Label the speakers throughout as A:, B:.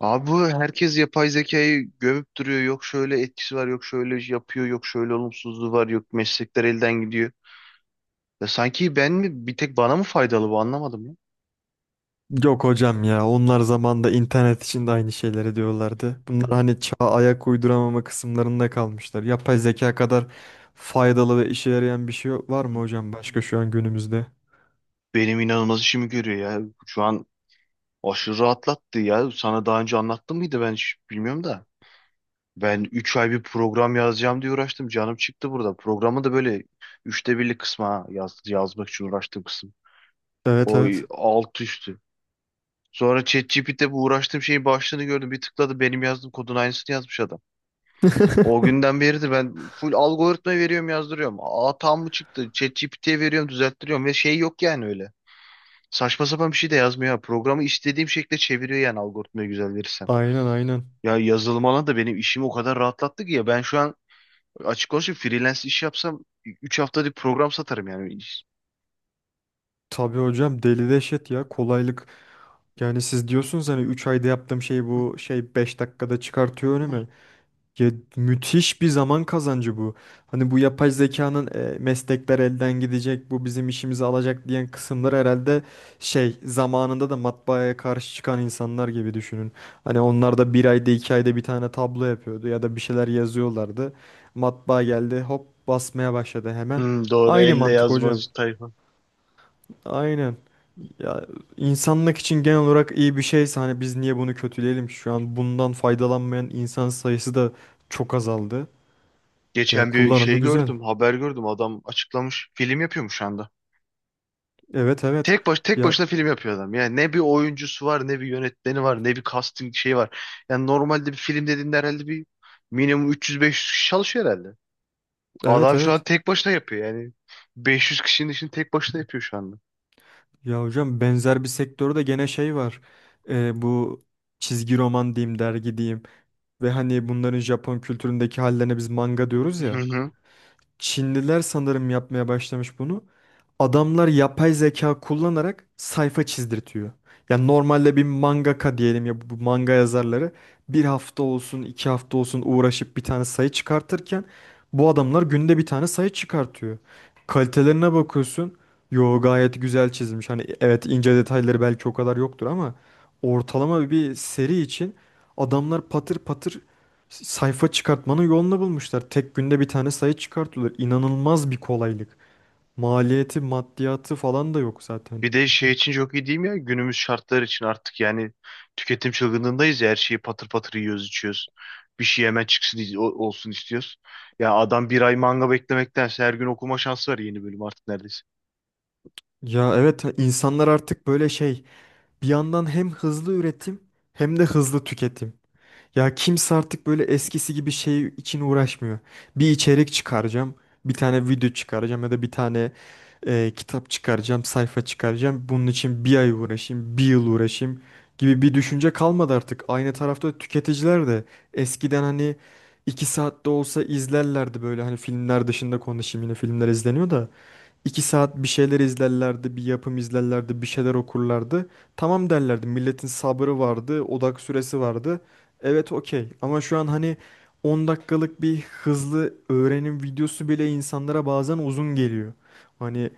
A: Abi bu herkes yapay zekayı gömüp duruyor. Yok şöyle etkisi var, yok şöyle yapıyor, yok şöyle olumsuzluğu var, yok meslekler elden gidiyor. Ya sanki ben mi bir tek bana mı faydalı bu anlamadım ya.
B: Yok hocam ya onlar zamanda internet için de aynı şeyleri diyorlardı. Bunlar hani çağa ayak uyduramama kısımlarında kalmışlar. Yapay zeka kadar faydalı ve işe yarayan bir şey var mı
A: Hı.
B: hocam başka şu an günümüzde?
A: Benim inanılmaz işimi görüyor ya. Şu an aşırı rahatlattı ya. Sana daha önce anlattım mıydı ben hiç bilmiyorum da. Ben 3 ay bir program yazacağım diye uğraştım. Canım çıktı burada. Programı da böyle üçte birlik kısma yaz, yazmak için uğraştığım kısım.
B: Evet,
A: O
B: evet.
A: alt üst. Sonra ChatGPT'de bu uğraştığım şeyin başlığını gördüm. Bir tıkladı benim yazdığım kodun aynısını yazmış adam. O günden beri de ben full algoritma veriyorum yazdırıyorum. Hata mı çıktı? ChatGPT'ye veriyorum düzelttiriyorum ve şey yok yani öyle. Saçma sapan bir şey de yazmıyor. Ha. Programı istediğim şekilde çeviriyor yani algoritmayı güzel verirsem.
B: Aynen, aynen.
A: Ya yazılım alanı da benim işimi o kadar rahatlattı ki ya ben şu an açık konuşayım freelance iş yapsam 3 haftada bir program satarım yani.
B: Tabii hocam deli deşet ya kolaylık. Yani siz diyorsunuz hani 3 ayda yaptığım şeyi bu şey 5 dakikada çıkartıyor önüme. Ya müthiş bir zaman kazancı bu. Hani bu yapay zekanın meslekler elden gidecek, bu bizim işimizi alacak diyen kısımlar herhalde şey zamanında da matbaaya karşı çıkan insanlar gibi düşünün. Hani onlar da bir ayda iki ayda bir tane tablo yapıyordu ya da bir şeyler yazıyorlardı. Matbaa geldi hop basmaya başladı hemen.
A: Doğru
B: Aynı
A: elle
B: mantık hocam.
A: yazmaz tayfa.
B: Aynen. Ya insanlık için genel olarak iyi bir şeyse hani biz niye bunu kötüleyelim ki? Şu an bundan faydalanmayan insan sayısı da çok azaldı. Ya
A: Geçen bir şey
B: kullanımı güzel.
A: gördüm, haber gördüm. Adam açıklamış. Film yapıyormuş şu anda.
B: Evet, evet.
A: Tek baş tek
B: Ya
A: başına film yapıyor adam. Yani ne bir oyuncusu var, ne bir yönetmeni var, ne bir casting şeyi var. Yani normalde bir film dediğinde herhalde bir minimum 300-500 kişi çalışıyor herhalde.
B: evet
A: Adam şu an
B: evet.
A: tek başına yapıyor yani. 500 kişinin işini tek başına yapıyor şu anda.
B: Ya hocam benzer bir sektörde gene şey var. Bu çizgi roman diyeyim dergi diyeyim. Ve hani bunların Japon kültüründeki hallerine biz manga diyoruz ya. Çinliler sanırım yapmaya başlamış bunu. Adamlar yapay zeka kullanarak sayfa çizdirtiyor. Yani normalde bir mangaka diyelim ya bu manga yazarları bir hafta olsun iki hafta olsun uğraşıp bir tane sayı çıkartırken bu adamlar günde bir tane sayı çıkartıyor. Kalitelerine bakıyorsun. Yo, gayet güzel çizmiş. Hani evet, ince detayları belki o kadar yoktur ama ortalama bir seri için adamlar patır patır sayfa çıkartmanın yolunu bulmuşlar. Tek günde bir tane sayı çıkartıyorlar. İnanılmaz bir kolaylık. Maliyeti, maddiyatı falan da yok zaten.
A: Bir de şey için çok iyi değil mi ya? Günümüz şartları için artık yani tüketim çılgınlığındayız ya. Her şeyi patır patır yiyoruz, içiyoruz. Bir şey hemen çıksın olsun istiyoruz. Ya adam bir ay manga beklemektense her gün okuma şansı var yeni bölüm artık neredeyse.
B: Ya evet, insanlar artık böyle şey, bir yandan hem hızlı üretim hem de hızlı tüketim. Ya kimse artık böyle eskisi gibi şey için uğraşmıyor. Bir içerik çıkaracağım, bir tane video çıkaracağım ya da bir tane kitap çıkaracağım, sayfa çıkaracağım. Bunun için bir ay uğraşayım, bir yıl uğraşayım gibi bir düşünce kalmadı artık. Aynı tarafta tüketiciler de eskiden hani iki saatte olsa izlerlerdi böyle hani filmler dışında konuşayım, yine filmler izleniyor da. İki saat bir şeyler izlerlerdi, bir yapım izlerlerdi, bir şeyler okurlardı. Tamam derlerdi. Milletin sabrı vardı, odak süresi vardı. Evet, okey. Ama şu an hani 10 dakikalık bir hızlı öğrenim videosu bile insanlara bazen uzun geliyor. Hani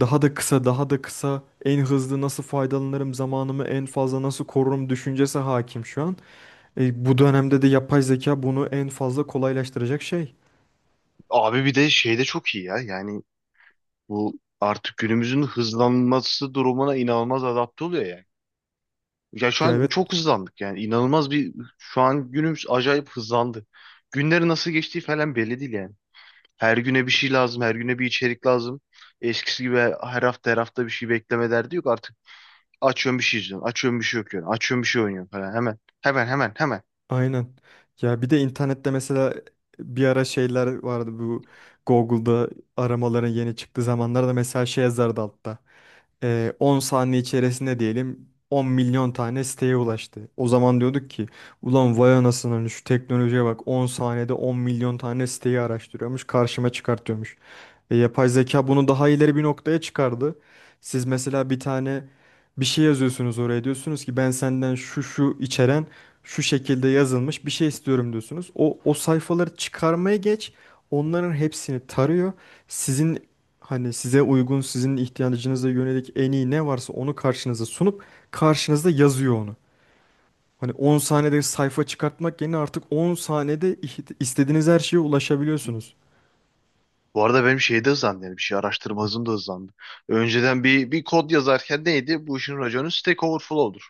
B: daha da kısa, daha da kısa, en hızlı nasıl faydalanırım, zamanımı en fazla nasıl korurum düşüncesi hakim şu an. Bu dönemde de yapay zeka bunu en fazla kolaylaştıracak şey.
A: Abi bir de şey de çok iyi ya. Yani bu artık günümüzün hızlanması durumuna inanılmaz adapte oluyor yani. Ya şu
B: Ya
A: an
B: evet.
A: çok hızlandık yani. İnanılmaz bir şu an günümüz acayip hızlandı. Günleri nasıl geçtiği falan belli değil yani. Her güne bir şey lazım, her güne bir içerik lazım. Eskisi gibi her hafta her hafta bir şey bekleme derdi yok. Artık açıyorum bir şey izliyorum, açıyorum bir şey okuyorum, açıyorum bir şey oynuyorum falan. Hemen, hemen, hemen, hemen.
B: Aynen. Ya bir de internette mesela bir ara şeyler vardı, bu Google'da aramaların yeni çıktığı zamanlarda mesela şey yazardı altta. 10 saniye içerisinde diyelim 10 milyon tane siteye ulaştı. O zaman diyorduk ki ulan vay anasının şu teknolojiye bak, 10 saniyede 10 milyon tane siteyi araştırıyormuş karşıma çıkartıyormuş. Yapay zeka bunu daha ileri bir noktaya çıkardı. Siz mesela bir tane bir şey yazıyorsunuz oraya, diyorsunuz ki ben senden şu şu içeren şu şekilde yazılmış bir şey istiyorum diyorsunuz. O sayfaları çıkarmaya geç. Onların hepsini tarıyor. Sizin hani size uygun, sizin ihtiyacınıza yönelik en iyi ne varsa onu karşınıza sunup karşınızda yazıyor onu. Hani 10 saniyede sayfa çıkartmak yerine artık 10 saniyede istediğiniz her şeye ulaşabiliyorsunuz.
A: Bu arada benim şey de hızlandı yani bir şey araştırma hızım da hızlandı. Önceden bir kod yazarken neydi? Bu işin raconu Stack Overflow'dur.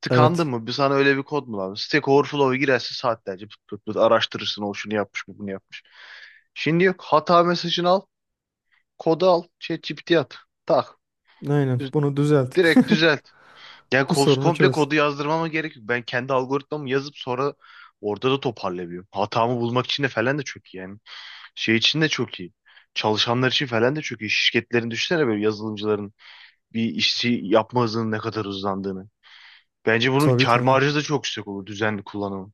A: Tıkandın
B: Evet.
A: mı? Bir sana öyle bir kod mu lazım? Stack Overflow'a girersin saatlerce pıt pıt pıt araştırırsın. O şunu yapmış mı bunu yapmış. Şimdi yok. Hata mesajını al. Kodu al. ChatGPT'ye at. Tak.
B: Aynen.
A: Düz-
B: Bunu düzelt.
A: direkt düzelt. Yani
B: Bu sorunu
A: komple
B: çöz.
A: kodu yazdırmama gerek yok. Ben kendi algoritmamı yazıp sonra orada da toparlayabiliyorum. Hatamı bulmak için de falan da çok iyi yani. Şey için de çok iyi. Çalışanlar için falan da çok iyi. Şirketlerin düşünsene böyle yazılımcıların bir işi yapma hızının ne kadar hızlandığını. Bence bunun
B: Tabii,
A: kâr
B: tabii.
A: marjı da çok yüksek olur düzenli kullanımı.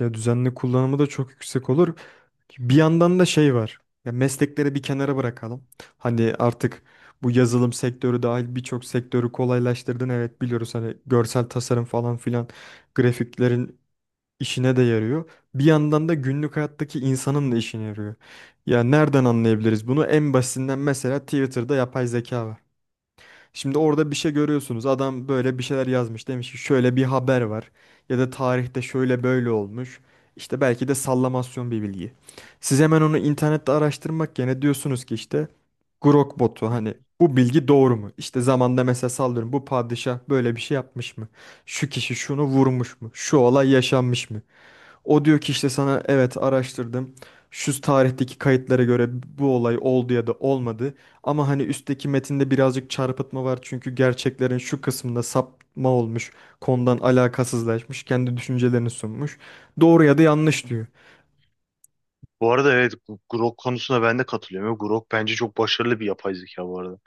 B: Ya düzenli kullanımı da çok yüksek olur. Bir yandan da şey var. Ya meslekleri bir kenara bırakalım. Hani artık bu yazılım sektörü dahil birçok sektörü kolaylaştırdın. Evet, biliyoruz hani görsel tasarım falan filan grafiklerin işine de yarıyor. Bir yandan da günlük hayattaki insanın da işine yarıyor. Ya nereden anlayabiliriz bunu? En basitinden mesela Twitter'da yapay zeka var. Şimdi orada bir şey görüyorsunuz. Adam böyle bir şeyler yazmış. Demiş ki şöyle bir haber var. Ya da tarihte şöyle böyle olmuş. İşte belki de sallamasyon bir bilgi. Siz hemen onu internette araştırmak yerine diyorsunuz ki işte Grok botu hani, bu bilgi doğru mu? İşte zamanda mesela sallıyorum bu padişah böyle bir şey yapmış mı? Şu kişi şunu vurmuş mu? Şu olay yaşanmış mı? O diyor ki işte sana evet, araştırdım. Şu tarihteki kayıtlara göre bu olay oldu ya da olmadı. Ama hani üstteki metinde birazcık çarpıtma var. Çünkü gerçeklerin şu kısmında sapma olmuş. Konudan alakasızlaşmış. Kendi düşüncelerini sunmuş. Doğru ya da yanlış diyor.
A: Bu arada evet bu Grok konusuna ben de katılıyorum. Grok bence çok başarılı bir yapay zeka bu arada.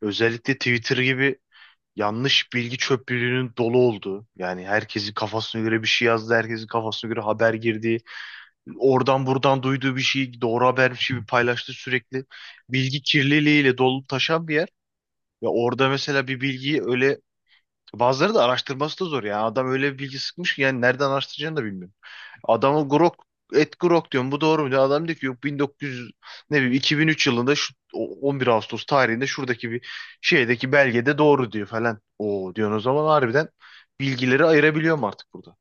A: Özellikle Twitter gibi yanlış bilgi çöplülüğünün dolu olduğu yani herkesin kafasına göre bir şey yazdı herkesin kafasına göre haber girdiği oradan buradan duyduğu bir şeyi doğru habermiş gibi paylaştı sürekli bilgi kirliliğiyle dolup taşan bir yer ve orada mesela bir bilgiyi öyle bazıları da araştırması da zor yani adam öyle bir bilgi sıkmış ki yani nereden araştıracağını da bilmiyor. Adamı Grok et Grok diyorum. Bu doğru mu? Diyor. Adam diyor ki yok 1900 ne bileyim 2003 yılında şu 11 Ağustos tarihinde şuradaki bir şeydeki belgede doğru diyor falan. O diyorsun o zaman harbiden bilgileri ayırabiliyorum artık burada.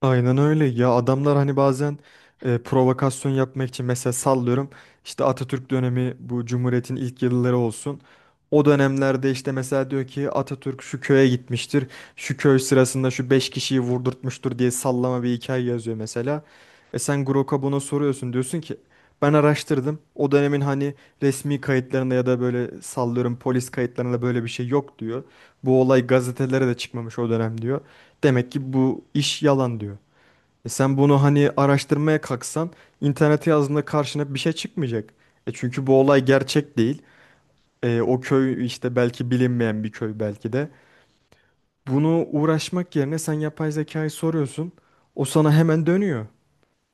B: Aynen öyle ya, adamlar hani bazen provokasyon yapmak için mesela sallıyorum işte Atatürk dönemi bu Cumhuriyet'in ilk yılları olsun. O dönemlerde işte mesela diyor ki Atatürk şu köye gitmiştir. Şu köy sırasında şu 5 kişiyi vurdurtmuştur diye sallama bir hikaye yazıyor mesela. E sen Grok'a bunu soruyorsun, diyorsun ki ben araştırdım. O dönemin hani resmi kayıtlarında ya da böyle sallıyorum polis kayıtlarında böyle bir şey yok diyor. Bu olay gazetelere de çıkmamış o dönem diyor. Demek ki bu iş yalan diyor. E sen bunu hani araştırmaya kalksan internete yazdığında karşına bir şey çıkmayacak. E çünkü bu olay gerçek değil. E, o köy işte belki bilinmeyen bir köy belki de. Bunu uğraşmak yerine sen yapay zekayı soruyorsun. O sana hemen dönüyor.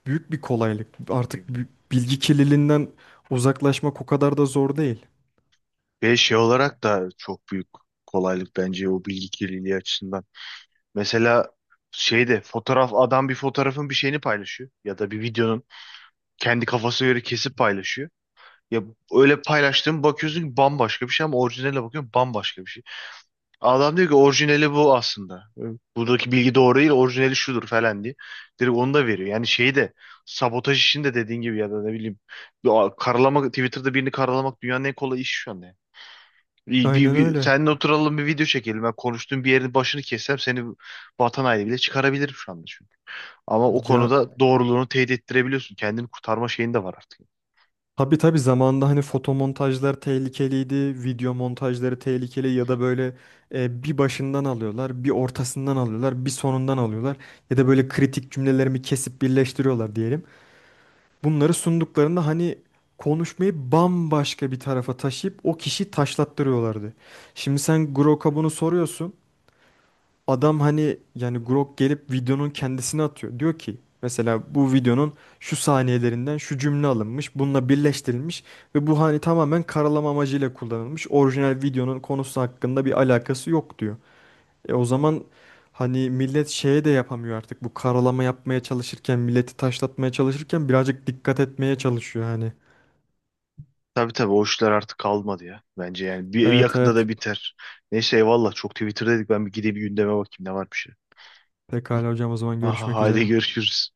B: Büyük bir kolaylık.
A: E,
B: Artık bilgi kirliliğinden uzaklaşmak o kadar da zor değil.
A: Ve şey olarak da çok büyük kolaylık bence o bilgi kirliliği açısından. Mesela şeyde fotoğraf adam bir fotoğrafın bir şeyini paylaşıyor ya da bir videonun kendi kafasına göre kesip paylaşıyor. Ya öyle paylaştığım bakıyorsun ki bambaşka bir şey ama orijinale bakıyorum bambaşka bir şey. Adam diyor ki orijinali bu aslında. Buradaki bilgi doğru değil, orijinali şudur falan diye. Direkt onu da veriyor. Yani şeyi de sabotaj işini de dediğin gibi ya da ne bileyim ya karalamak Twitter'da birini karalamak dünyanın en kolay işi şu anda. Yani. Bir, bir,
B: Aynen
A: bir-
B: öyle.
A: seninle oturalım bir video çekelim. Ben konuştuğum bir yerin başını kessem seni vatan haini bile çıkarabilirim şu anda çünkü. Ama o
B: Ya,
A: konuda doğruluğunu teyit ettirebiliyorsun. Kendini kurtarma şeyin de var artık.
B: tabii, tabii, zamanında hani fotomontajlar tehlikeliydi, video montajları tehlikeli ya da böyle bir başından alıyorlar, bir ortasından alıyorlar, bir sonundan alıyorlar ya da böyle kritik cümlelerimi kesip birleştiriyorlar diyelim. Bunları sunduklarında hani konuşmayı bambaşka bir tarafa taşıyıp o kişiyi taşlattırıyorlardı. Şimdi sen Grok'a bunu soruyorsun. Adam hani yani Grok gelip videonun kendisini atıyor. Diyor ki mesela bu videonun şu saniyelerinden şu cümle alınmış, bununla birleştirilmiş ve bu hani tamamen karalama amacıyla kullanılmış. Orijinal videonun konusu hakkında bir alakası yok diyor. E o zaman hani millet şeye de yapamıyor artık. Bu karalama yapmaya çalışırken, milleti taşlatmaya çalışırken birazcık dikkat etmeye çalışıyor hani.
A: Tabii tabii o işler artık kalmadı ya. Bence yani bir
B: Evet,
A: yakında
B: evet.
A: da biter. Neyse eyvallah çok Twitter dedik ben bir gideyim bir gündeme bakayım ne varmış.
B: Pekala hocam, o zaman
A: Aha,
B: görüşmek
A: hadi
B: üzere.
A: görüşürüz.